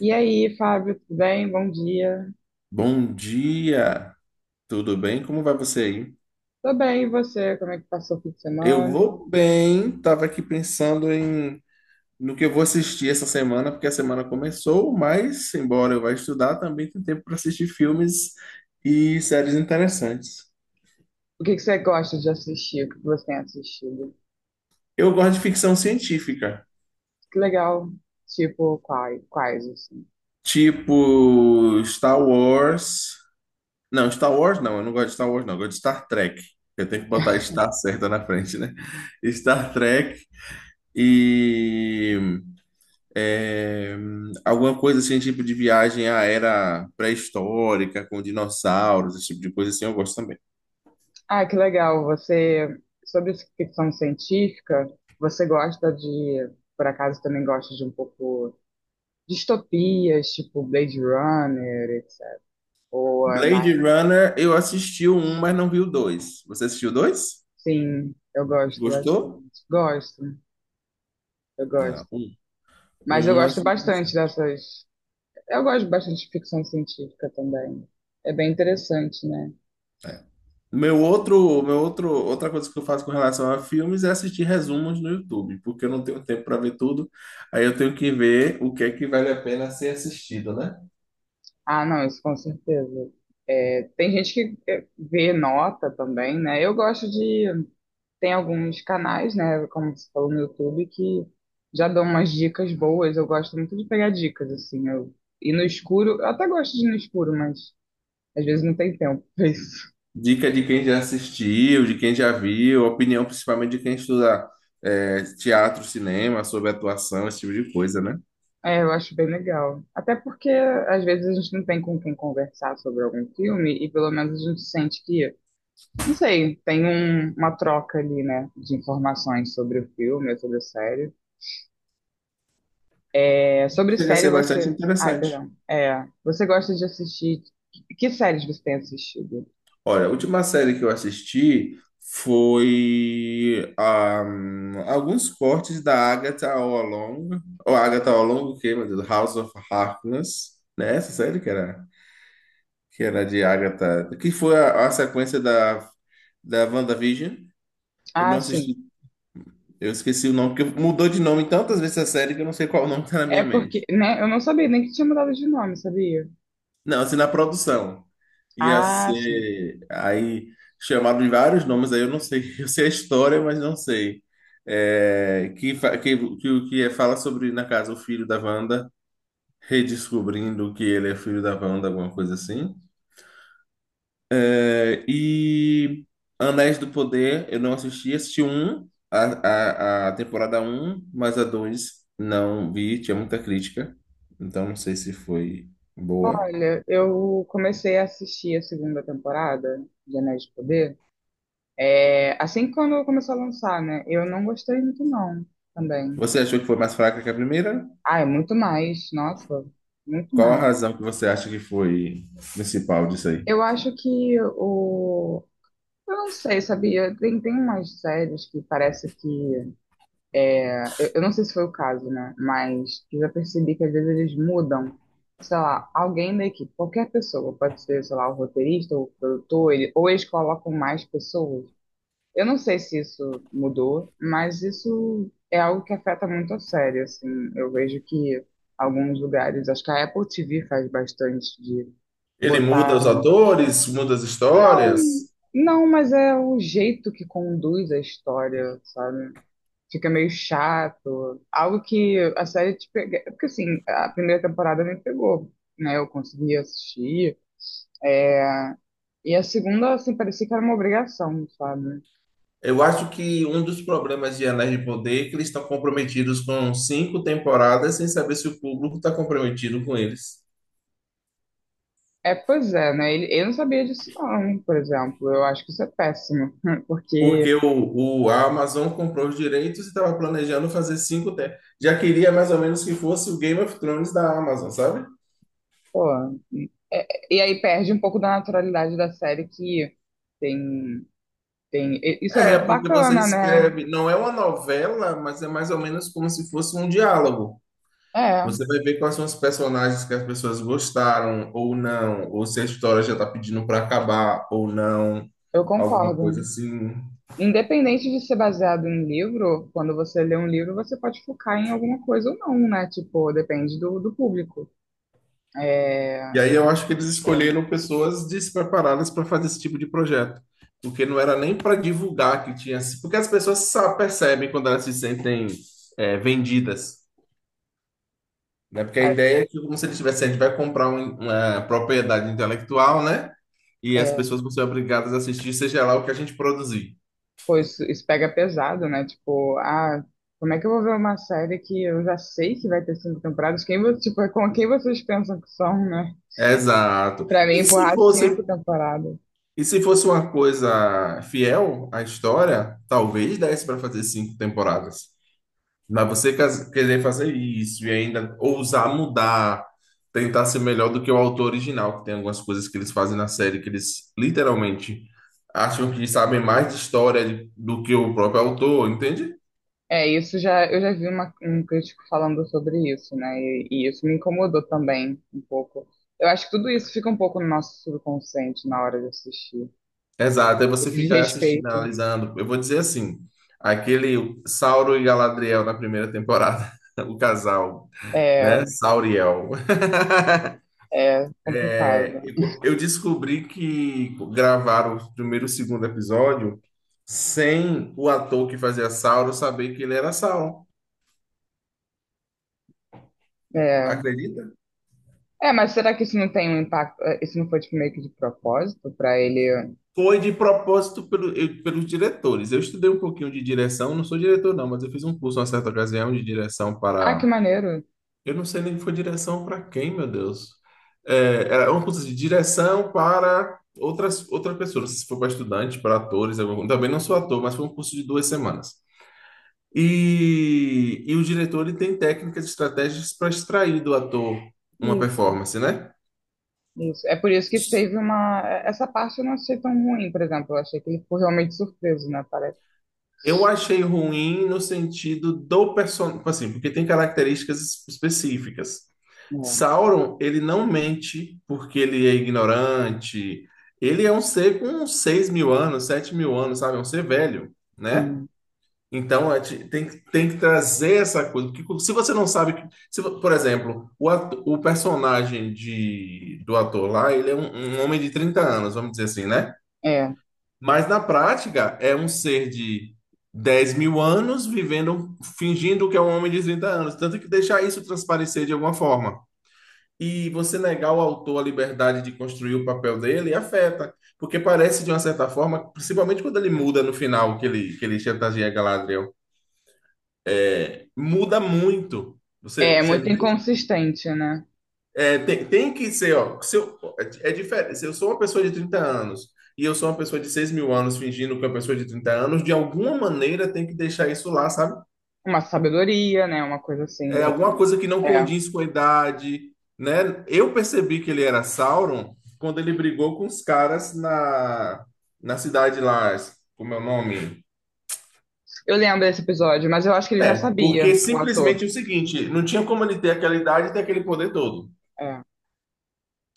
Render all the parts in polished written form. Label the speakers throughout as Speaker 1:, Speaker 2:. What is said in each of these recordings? Speaker 1: E aí, Fábio, tudo bem? Bom dia.
Speaker 2: Bom dia, tudo bem? Como vai você aí?
Speaker 1: Tô bem, e você? Como é que passou o fim de
Speaker 2: Eu
Speaker 1: semana?
Speaker 2: vou bem, tava aqui pensando no que eu vou assistir essa semana, porque a semana começou, mas embora eu vá estudar, também tem tempo para assistir filmes e séries interessantes.
Speaker 1: O que que você gosta de assistir? O que que você tem assistido?
Speaker 2: Eu gosto de ficção científica,
Speaker 1: Que legal. Tipo, quais, assim?
Speaker 2: tipo Star Wars. Não, Star Wars não, eu não gosto de Star Wars não, eu gosto de Star Trek. Eu tenho que botar Star certa na frente, né? Star Trek e É, alguma coisa assim, tipo de viagem à era pré-histórica, com dinossauros, esse tipo de coisa assim, eu gosto também.
Speaker 1: Ah, que legal. Você, sobre ficção científica, você gosta de, por acaso, também gosta de um pouco distopias, tipo Blade Runner, etc. Ou é
Speaker 2: Blade
Speaker 1: mais...
Speaker 2: Runner, eu assisti o um, mas não vi o dois. Você assistiu o dois?
Speaker 1: Sim, eu gosto
Speaker 2: Gostou?
Speaker 1: bastante. Gosto, eu
Speaker 2: Não,
Speaker 1: gosto.
Speaker 2: um.
Speaker 1: Mas eu
Speaker 2: Um eu
Speaker 1: gosto
Speaker 2: acho
Speaker 1: bastante
Speaker 2: interessante.
Speaker 1: dessas. Eu gosto bastante de ficção científica também. É bem interessante, né?
Speaker 2: É. Outra coisa que eu faço com relação a filmes é assistir resumos no YouTube, porque eu não tenho tempo para ver tudo. Aí eu tenho que ver o que é que vale a pena ser assistido, né?
Speaker 1: Ah, não, isso com certeza. É, tem gente que é, vê nota também, né? Eu gosto de. Tem alguns canais, né? Como você falou no YouTube, que já dão umas dicas boas. Eu gosto muito de pegar dicas, assim. E no escuro, eu até gosto de ir no escuro, mas às vezes não tem tempo pra isso.
Speaker 2: Dica de quem já assistiu, de quem já viu, opinião principalmente de quem estuda teatro, cinema, sobre atuação, esse tipo de coisa, né?
Speaker 1: É, eu acho bem legal. Até porque às vezes a gente não tem com quem conversar sobre algum filme e pelo menos a gente sente que. Não sei, tem uma troca ali, né, de informações sobre o filme, ou sobre a série. É, sobre
Speaker 2: Chega a
Speaker 1: série
Speaker 2: ser bastante
Speaker 1: você. Ai,
Speaker 2: interessante.
Speaker 1: perdão. É, você gosta de assistir. Que séries você tem assistido?
Speaker 2: Olha, a última série que eu assisti foi alguns cortes da Agatha All Along, ou Agatha All Along, o quê, meu Deus? House of Harkness, né? Essa série que era, de Agatha, que foi a sequência da WandaVision. Eu
Speaker 1: Ah,
Speaker 2: não
Speaker 1: sim.
Speaker 2: assisti Eu esqueci o nome, porque mudou de nome tantas vezes a série que eu não sei qual o nome que tá na
Speaker 1: É
Speaker 2: minha mente.
Speaker 1: porque, né, eu não sabia nem que tinha mudado de nome, sabia?
Speaker 2: Não, assim, na produção. Ia
Speaker 1: Ah, sim.
Speaker 2: ser. Aí chamaram de vários nomes, aí eu não sei. Eu sei a história, mas não sei. É, que, fa- que é, fala sobre, na casa, o filho da Wanda redescobrindo que ele é filho da Wanda, alguma coisa assim. E Anéis do Poder, eu não assisti, assisti um, a temporada um, mas a 2 não vi, tinha muita crítica, então não sei se foi boa.
Speaker 1: Olha, eu comecei a assistir a segunda temporada de Anéis de Poder. É, assim que quando começou a lançar, né? Eu não gostei muito, não, também.
Speaker 2: Você achou que foi mais fraca que a primeira?
Speaker 1: Ah, é muito mais, nossa, muito
Speaker 2: Qual a
Speaker 1: mais.
Speaker 2: razão que você acha que foi principal disso aí?
Speaker 1: Eu acho que o. Eu não sei, sabia? Tem umas séries que parece que. Eu não sei se foi o caso, né? Mas eu já percebi que às vezes eles mudam, sei lá, alguém da equipe, qualquer pessoa, pode ser, sei lá, o roteirista, o produtor, ele, ou eles colocam mais pessoas. Eu não sei se isso mudou, mas isso é algo que afeta muito a série, assim. Eu vejo que alguns lugares, acho que a Apple TV faz bastante de
Speaker 2: Ele muda os
Speaker 1: botar.
Speaker 2: atores, muda as
Speaker 1: Não,
Speaker 2: histórias.
Speaker 1: não, mas é o jeito que conduz a história, sabe? Fica meio chato. Algo que a série te pega. Porque assim, a primeira temporada me pegou, né? Eu consegui assistir. E a segunda, assim, parecia que era uma obrigação, sabe?
Speaker 2: Eu acho que um dos problemas de Anéis de Poder é que eles estão comprometidos com cinco temporadas sem saber se o público está comprometido com eles.
Speaker 1: É, pois é, né? Eu não sabia disso, não, por exemplo. Eu acho que isso é péssimo. Porque,
Speaker 2: Porque a Amazon comprou os direitos e estava planejando fazer já queria mais ou menos que fosse o Game of Thrones da Amazon, sabe?
Speaker 1: pô. é- e aí perde um pouco da naturalidade da série que tem. Tem, isso é
Speaker 2: É,
Speaker 1: muito
Speaker 2: porque você
Speaker 1: bacana, né?
Speaker 2: escreve, não é uma novela, mas é mais ou menos como se fosse um diálogo.
Speaker 1: É,
Speaker 2: Você vai ver quais são os personagens que as pessoas gostaram ou não, ou se a história já está pedindo para acabar ou não,
Speaker 1: eu
Speaker 2: alguma coisa
Speaker 1: concordo.
Speaker 2: assim.
Speaker 1: Independente de ser baseado em livro, quando você lê um livro, você pode focar em alguma coisa ou não, né? Tipo, depende do público.
Speaker 2: E
Speaker 1: É
Speaker 2: aí eu acho que eles
Speaker 1: pô,
Speaker 2: escolheram pessoas despreparadas para fazer esse tipo de projeto, porque não era nem para divulgar que tinha, porque as pessoas percebem quando elas se sentem vendidas, né? Porque a
Speaker 1: cara,
Speaker 2: ideia é que como se eles tivessem, a gente vai comprar uma propriedade intelectual, né? E as
Speaker 1: é,
Speaker 2: pessoas vão ser obrigadas a assistir, seja lá o que a gente produzir.
Speaker 1: pô, isso pega pesado, né? Tipo, ah, como é que eu vou ver uma série que eu já sei que vai ter cinco temporadas? Quem, tipo, com quem vocês pensam que são, né?
Speaker 2: Exato.
Speaker 1: Pra mim,
Speaker 2: E se
Speaker 1: empurrar cinco
Speaker 2: fosse,
Speaker 1: temporadas.
Speaker 2: e se fosse uma coisa fiel à história, talvez desse para fazer cinco temporadas. Mas você querer fazer isso e ainda ousar mudar, tentar ser melhor do que o autor original, que tem algumas coisas que eles fazem na série que eles literalmente acham que sabem mais de história do que o próprio autor, entende?
Speaker 1: É, isso já, eu já vi um crítico falando sobre isso, né? E isso me incomodou também um pouco. Eu acho que tudo isso fica um pouco no nosso subconsciente na hora de assistir.
Speaker 2: Exato, aí você
Speaker 1: Esse
Speaker 2: fica assistindo,
Speaker 1: desrespeito
Speaker 2: analisando. Eu vou dizer assim, aquele Sauron e Galadriel na primeira temporada, o casal, né?
Speaker 1: é,
Speaker 2: Sauriel.
Speaker 1: é complicado.
Speaker 2: Eu descobri que gravaram o primeiro e o segundo episódio sem o ator que fazia Sauron saber que ele era Sauron.
Speaker 1: É,
Speaker 2: Acredita?
Speaker 1: é, mas será que isso não tem um impacto? Isso não foi tipo, meio que de propósito pra ele?
Speaker 2: Foi de propósito pelos diretores. Eu estudei um pouquinho de direção, não sou diretor não, mas eu fiz um curso uma certa ocasião de direção
Speaker 1: Ah, que
Speaker 2: para.
Speaker 1: maneiro!
Speaker 2: Eu não sei nem que foi direção para quem, meu Deus. É, era um curso de direção para outra pessoa. Não sei se foi para estudantes, para atores. Também não sou ator, mas foi um curso de 2 semanas. E o diretor ele tem técnicas e estratégias para extrair do ator uma
Speaker 1: Isso,
Speaker 2: performance, né?
Speaker 1: isso. É por isso que teve uma. Essa parte eu não achei tão ruim, por exemplo. Eu achei que ele ficou realmente surpreso, né? Parece.
Speaker 2: Eu achei ruim no sentido do personagem, assim, porque tem características específicas.
Speaker 1: É,
Speaker 2: Sauron, ele não mente porque ele é ignorante. Ele é um ser com 6.000 anos, 7.000 anos, sabe? É um ser velho, né?
Speaker 1: sim.
Speaker 2: Então, tem que trazer essa coisa. Porque se você não sabe. Que- Se, vo- Por exemplo, o personagem do ator lá, ele é um homem de 30 anos, vamos dizer assim, né?
Speaker 1: É.
Speaker 2: Mas na prática, é um ser de 10.000 anos vivendo, fingindo que é um homem de 30 anos. Tanto que deixar isso transparecer de alguma forma. E você negar ao autor a liberdade de construir o papel dele afeta. Porque parece, de uma certa forma, principalmente quando ele muda no final, que ele chantageia Galadriel. Muda muito. Você,
Speaker 1: É
Speaker 2: você me
Speaker 1: muito
Speaker 2: entende?
Speaker 1: inconsistente, né?
Speaker 2: É, tem que ser, ó. Se eu, é diferente. Se eu sou uma pessoa de 30 anos e eu sou uma pessoa de 6.000 anos fingindo que é uma pessoa de 30 anos, de alguma maneira tem que deixar isso lá, sabe?
Speaker 1: Uma sabedoria, né? Uma coisa assim,
Speaker 2: É
Speaker 1: de
Speaker 2: alguma
Speaker 1: repente.
Speaker 2: coisa que não
Speaker 1: É.
Speaker 2: condiz com a idade, né? Eu percebi que ele era Sauron quando ele brigou com os caras na cidade lá, como é o nome?
Speaker 1: Eu lembro desse episódio, mas eu acho que ele já
Speaker 2: É, porque
Speaker 1: sabia, o ator.
Speaker 2: simplesmente é o seguinte, não tinha como ele ter aquela idade e ter aquele poder todo.
Speaker 1: É,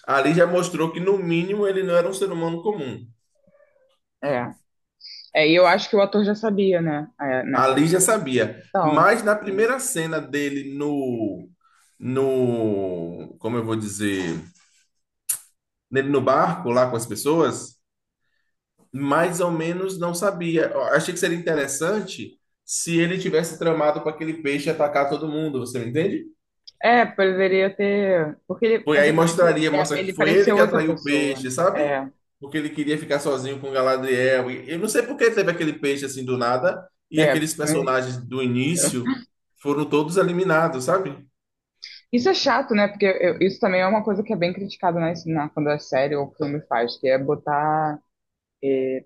Speaker 2: Ali já mostrou que, no mínimo, ele não era um ser humano comum.
Speaker 1: é. É, e eu acho que o ator já sabia, né? É, nessa
Speaker 2: Ali já
Speaker 1: altura.
Speaker 2: sabia.
Speaker 1: Então.
Speaker 2: Mas na
Speaker 1: É,
Speaker 2: primeira cena dele no, no, como eu vou dizer, nele no barco lá com as pessoas, mais ou menos não sabia. Eu achei que seria interessante se ele tivesse tramado para aquele peixe atacar todo mundo, você me entende?
Speaker 1: é, poderia ter. Porque ele,
Speaker 2: Foi
Speaker 1: na
Speaker 2: aí
Speaker 1: verdade,
Speaker 2: mostraria,
Speaker 1: é,
Speaker 2: mostra que
Speaker 1: ele
Speaker 2: foi ele
Speaker 1: parecia
Speaker 2: que
Speaker 1: outra
Speaker 2: atraiu o
Speaker 1: pessoa,
Speaker 2: peixe,
Speaker 1: né?
Speaker 2: sabe?
Speaker 1: É.
Speaker 2: Porque ele queria ficar sozinho com Galadriel. E eu não sei por que teve aquele peixe assim do nada e
Speaker 1: É,
Speaker 2: aqueles
Speaker 1: isso também.
Speaker 2: personagens do início foram todos eliminados, sabe?
Speaker 1: Isso é chato, né? Porque isso também é uma coisa que é bem criticada na, quando a série ou filme faz, que é botar. eh,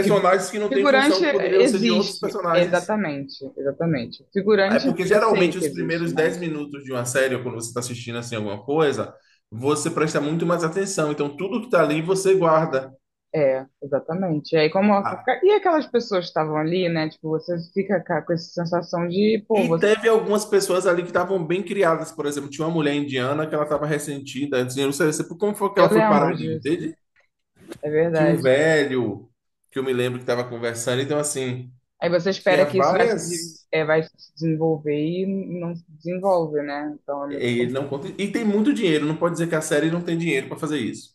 Speaker 1: Figu-
Speaker 2: que não têm
Speaker 1: Figurante
Speaker 2: função, que poderiam ser de outros
Speaker 1: existe,
Speaker 2: personagens.
Speaker 1: exatamente, exatamente.
Speaker 2: É
Speaker 1: Figurante
Speaker 2: porque
Speaker 1: eu sei
Speaker 2: geralmente
Speaker 1: que
Speaker 2: os
Speaker 1: existe,
Speaker 2: primeiros 10
Speaker 1: mas
Speaker 2: minutos de uma série, ou quando você está assistindo assim alguma coisa, você presta muito mais atenção. Então tudo que está ali você guarda.
Speaker 1: é, exatamente. E aí como e aquelas pessoas que estavam ali, né? Tipo, você fica com essa sensação de, pô,
Speaker 2: E
Speaker 1: você.
Speaker 2: teve algumas pessoas ali que estavam bem criadas, por exemplo, tinha uma mulher indiana que ela estava ressentida, antes de não sei como foi que
Speaker 1: Eu
Speaker 2: ela foi parar
Speaker 1: lembro
Speaker 2: ali,
Speaker 1: disso,
Speaker 2: entende?
Speaker 1: é
Speaker 2: Tinha um
Speaker 1: verdade.
Speaker 2: velho que eu me lembro que estava conversando, então assim,
Speaker 1: Aí você
Speaker 2: tinha
Speaker 1: espera que isso vai se,
Speaker 2: várias
Speaker 1: é, vai se desenvolver e não se desenvolve, né? Então é
Speaker 2: e
Speaker 1: muito
Speaker 2: ele
Speaker 1: complicado.
Speaker 2: não conta, e tem muito dinheiro, não pode dizer que a série não tem dinheiro para fazer isso.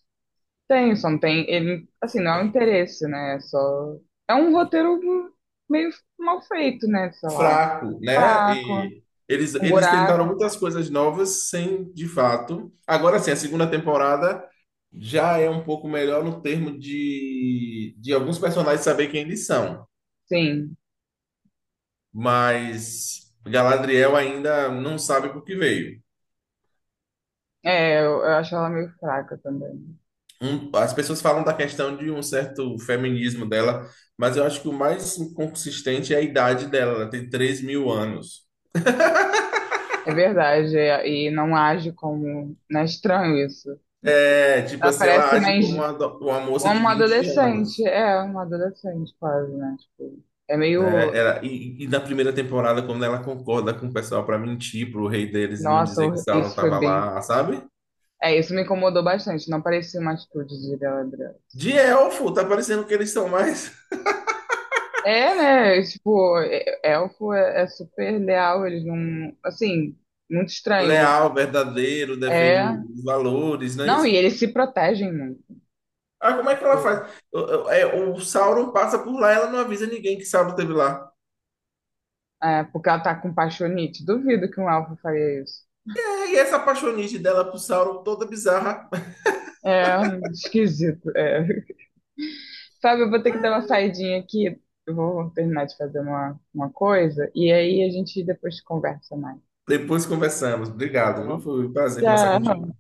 Speaker 1: Tem, só não tem, ele, assim, não é um interesse, né? É só é um roteiro meio mal feito, né? Sei lá,
Speaker 2: Fraco, né?
Speaker 1: fraco.
Speaker 2: E eles
Speaker 1: Um
Speaker 2: eles tentaram
Speaker 1: buraco,
Speaker 2: muitas coisas novas sem, de fato. Agora sim, a segunda temporada já é um pouco melhor no termo de alguns personagens saber quem eles são.
Speaker 1: sim.
Speaker 2: Mas Galadriel ainda não sabe por que veio.
Speaker 1: É, eu acho ela meio fraca também.
Speaker 2: As pessoas falam da questão de um certo feminismo dela, mas eu acho que o mais inconsistente é a idade dela, ela tem 3.000 anos.
Speaker 1: É verdade, é, e não age como. Não é estranho isso. Não sei.
Speaker 2: É, tipo
Speaker 1: Ela
Speaker 2: assim, ela
Speaker 1: parece uma,
Speaker 2: age como uma moça de
Speaker 1: uma
Speaker 2: vinte
Speaker 1: adolescente.
Speaker 2: anos,
Speaker 1: É, uma adolescente quase, né? Tipo, é
Speaker 2: né?
Speaker 1: meio.
Speaker 2: E na primeira temporada, quando ela concorda com o pessoal para mentir pro rei deles e não
Speaker 1: Nossa,
Speaker 2: dizer que Sauron
Speaker 1: isso foi
Speaker 2: tava
Speaker 1: bem.
Speaker 2: lá, sabe?
Speaker 1: É, isso me incomodou bastante. Não parecia uma atitude de Galadriel.
Speaker 2: De elfo, tá parecendo que eles são mais
Speaker 1: É, né? Tipo, elfo é, é super leal. Eles não. Assim, muito estranho.
Speaker 2: leal, verdadeiro, defende
Speaker 1: É.
Speaker 2: os valores, não é
Speaker 1: Não,
Speaker 2: isso?
Speaker 1: e eles se protegem muito.
Speaker 2: Ah, como é que ela
Speaker 1: Tipo,
Speaker 2: faz? O Sauron passa por lá, ela não avisa ninguém que Sauron esteve lá.
Speaker 1: é, porque ela tá com um paixonite. Duvido que um elfo faria isso.
Speaker 2: É, e essa apaixonite dela pro Sauron toda bizarra.
Speaker 1: É esquisito. É. Fábio, eu vou ter que dar uma saidinha aqui. Eu vou terminar de fazer uma coisa. E aí a gente depois conversa mais,
Speaker 2: Depois conversamos.
Speaker 1: tá
Speaker 2: Obrigado, viu?
Speaker 1: bom?
Speaker 2: Foi um prazer conversar contigo.
Speaker 1: Tchau.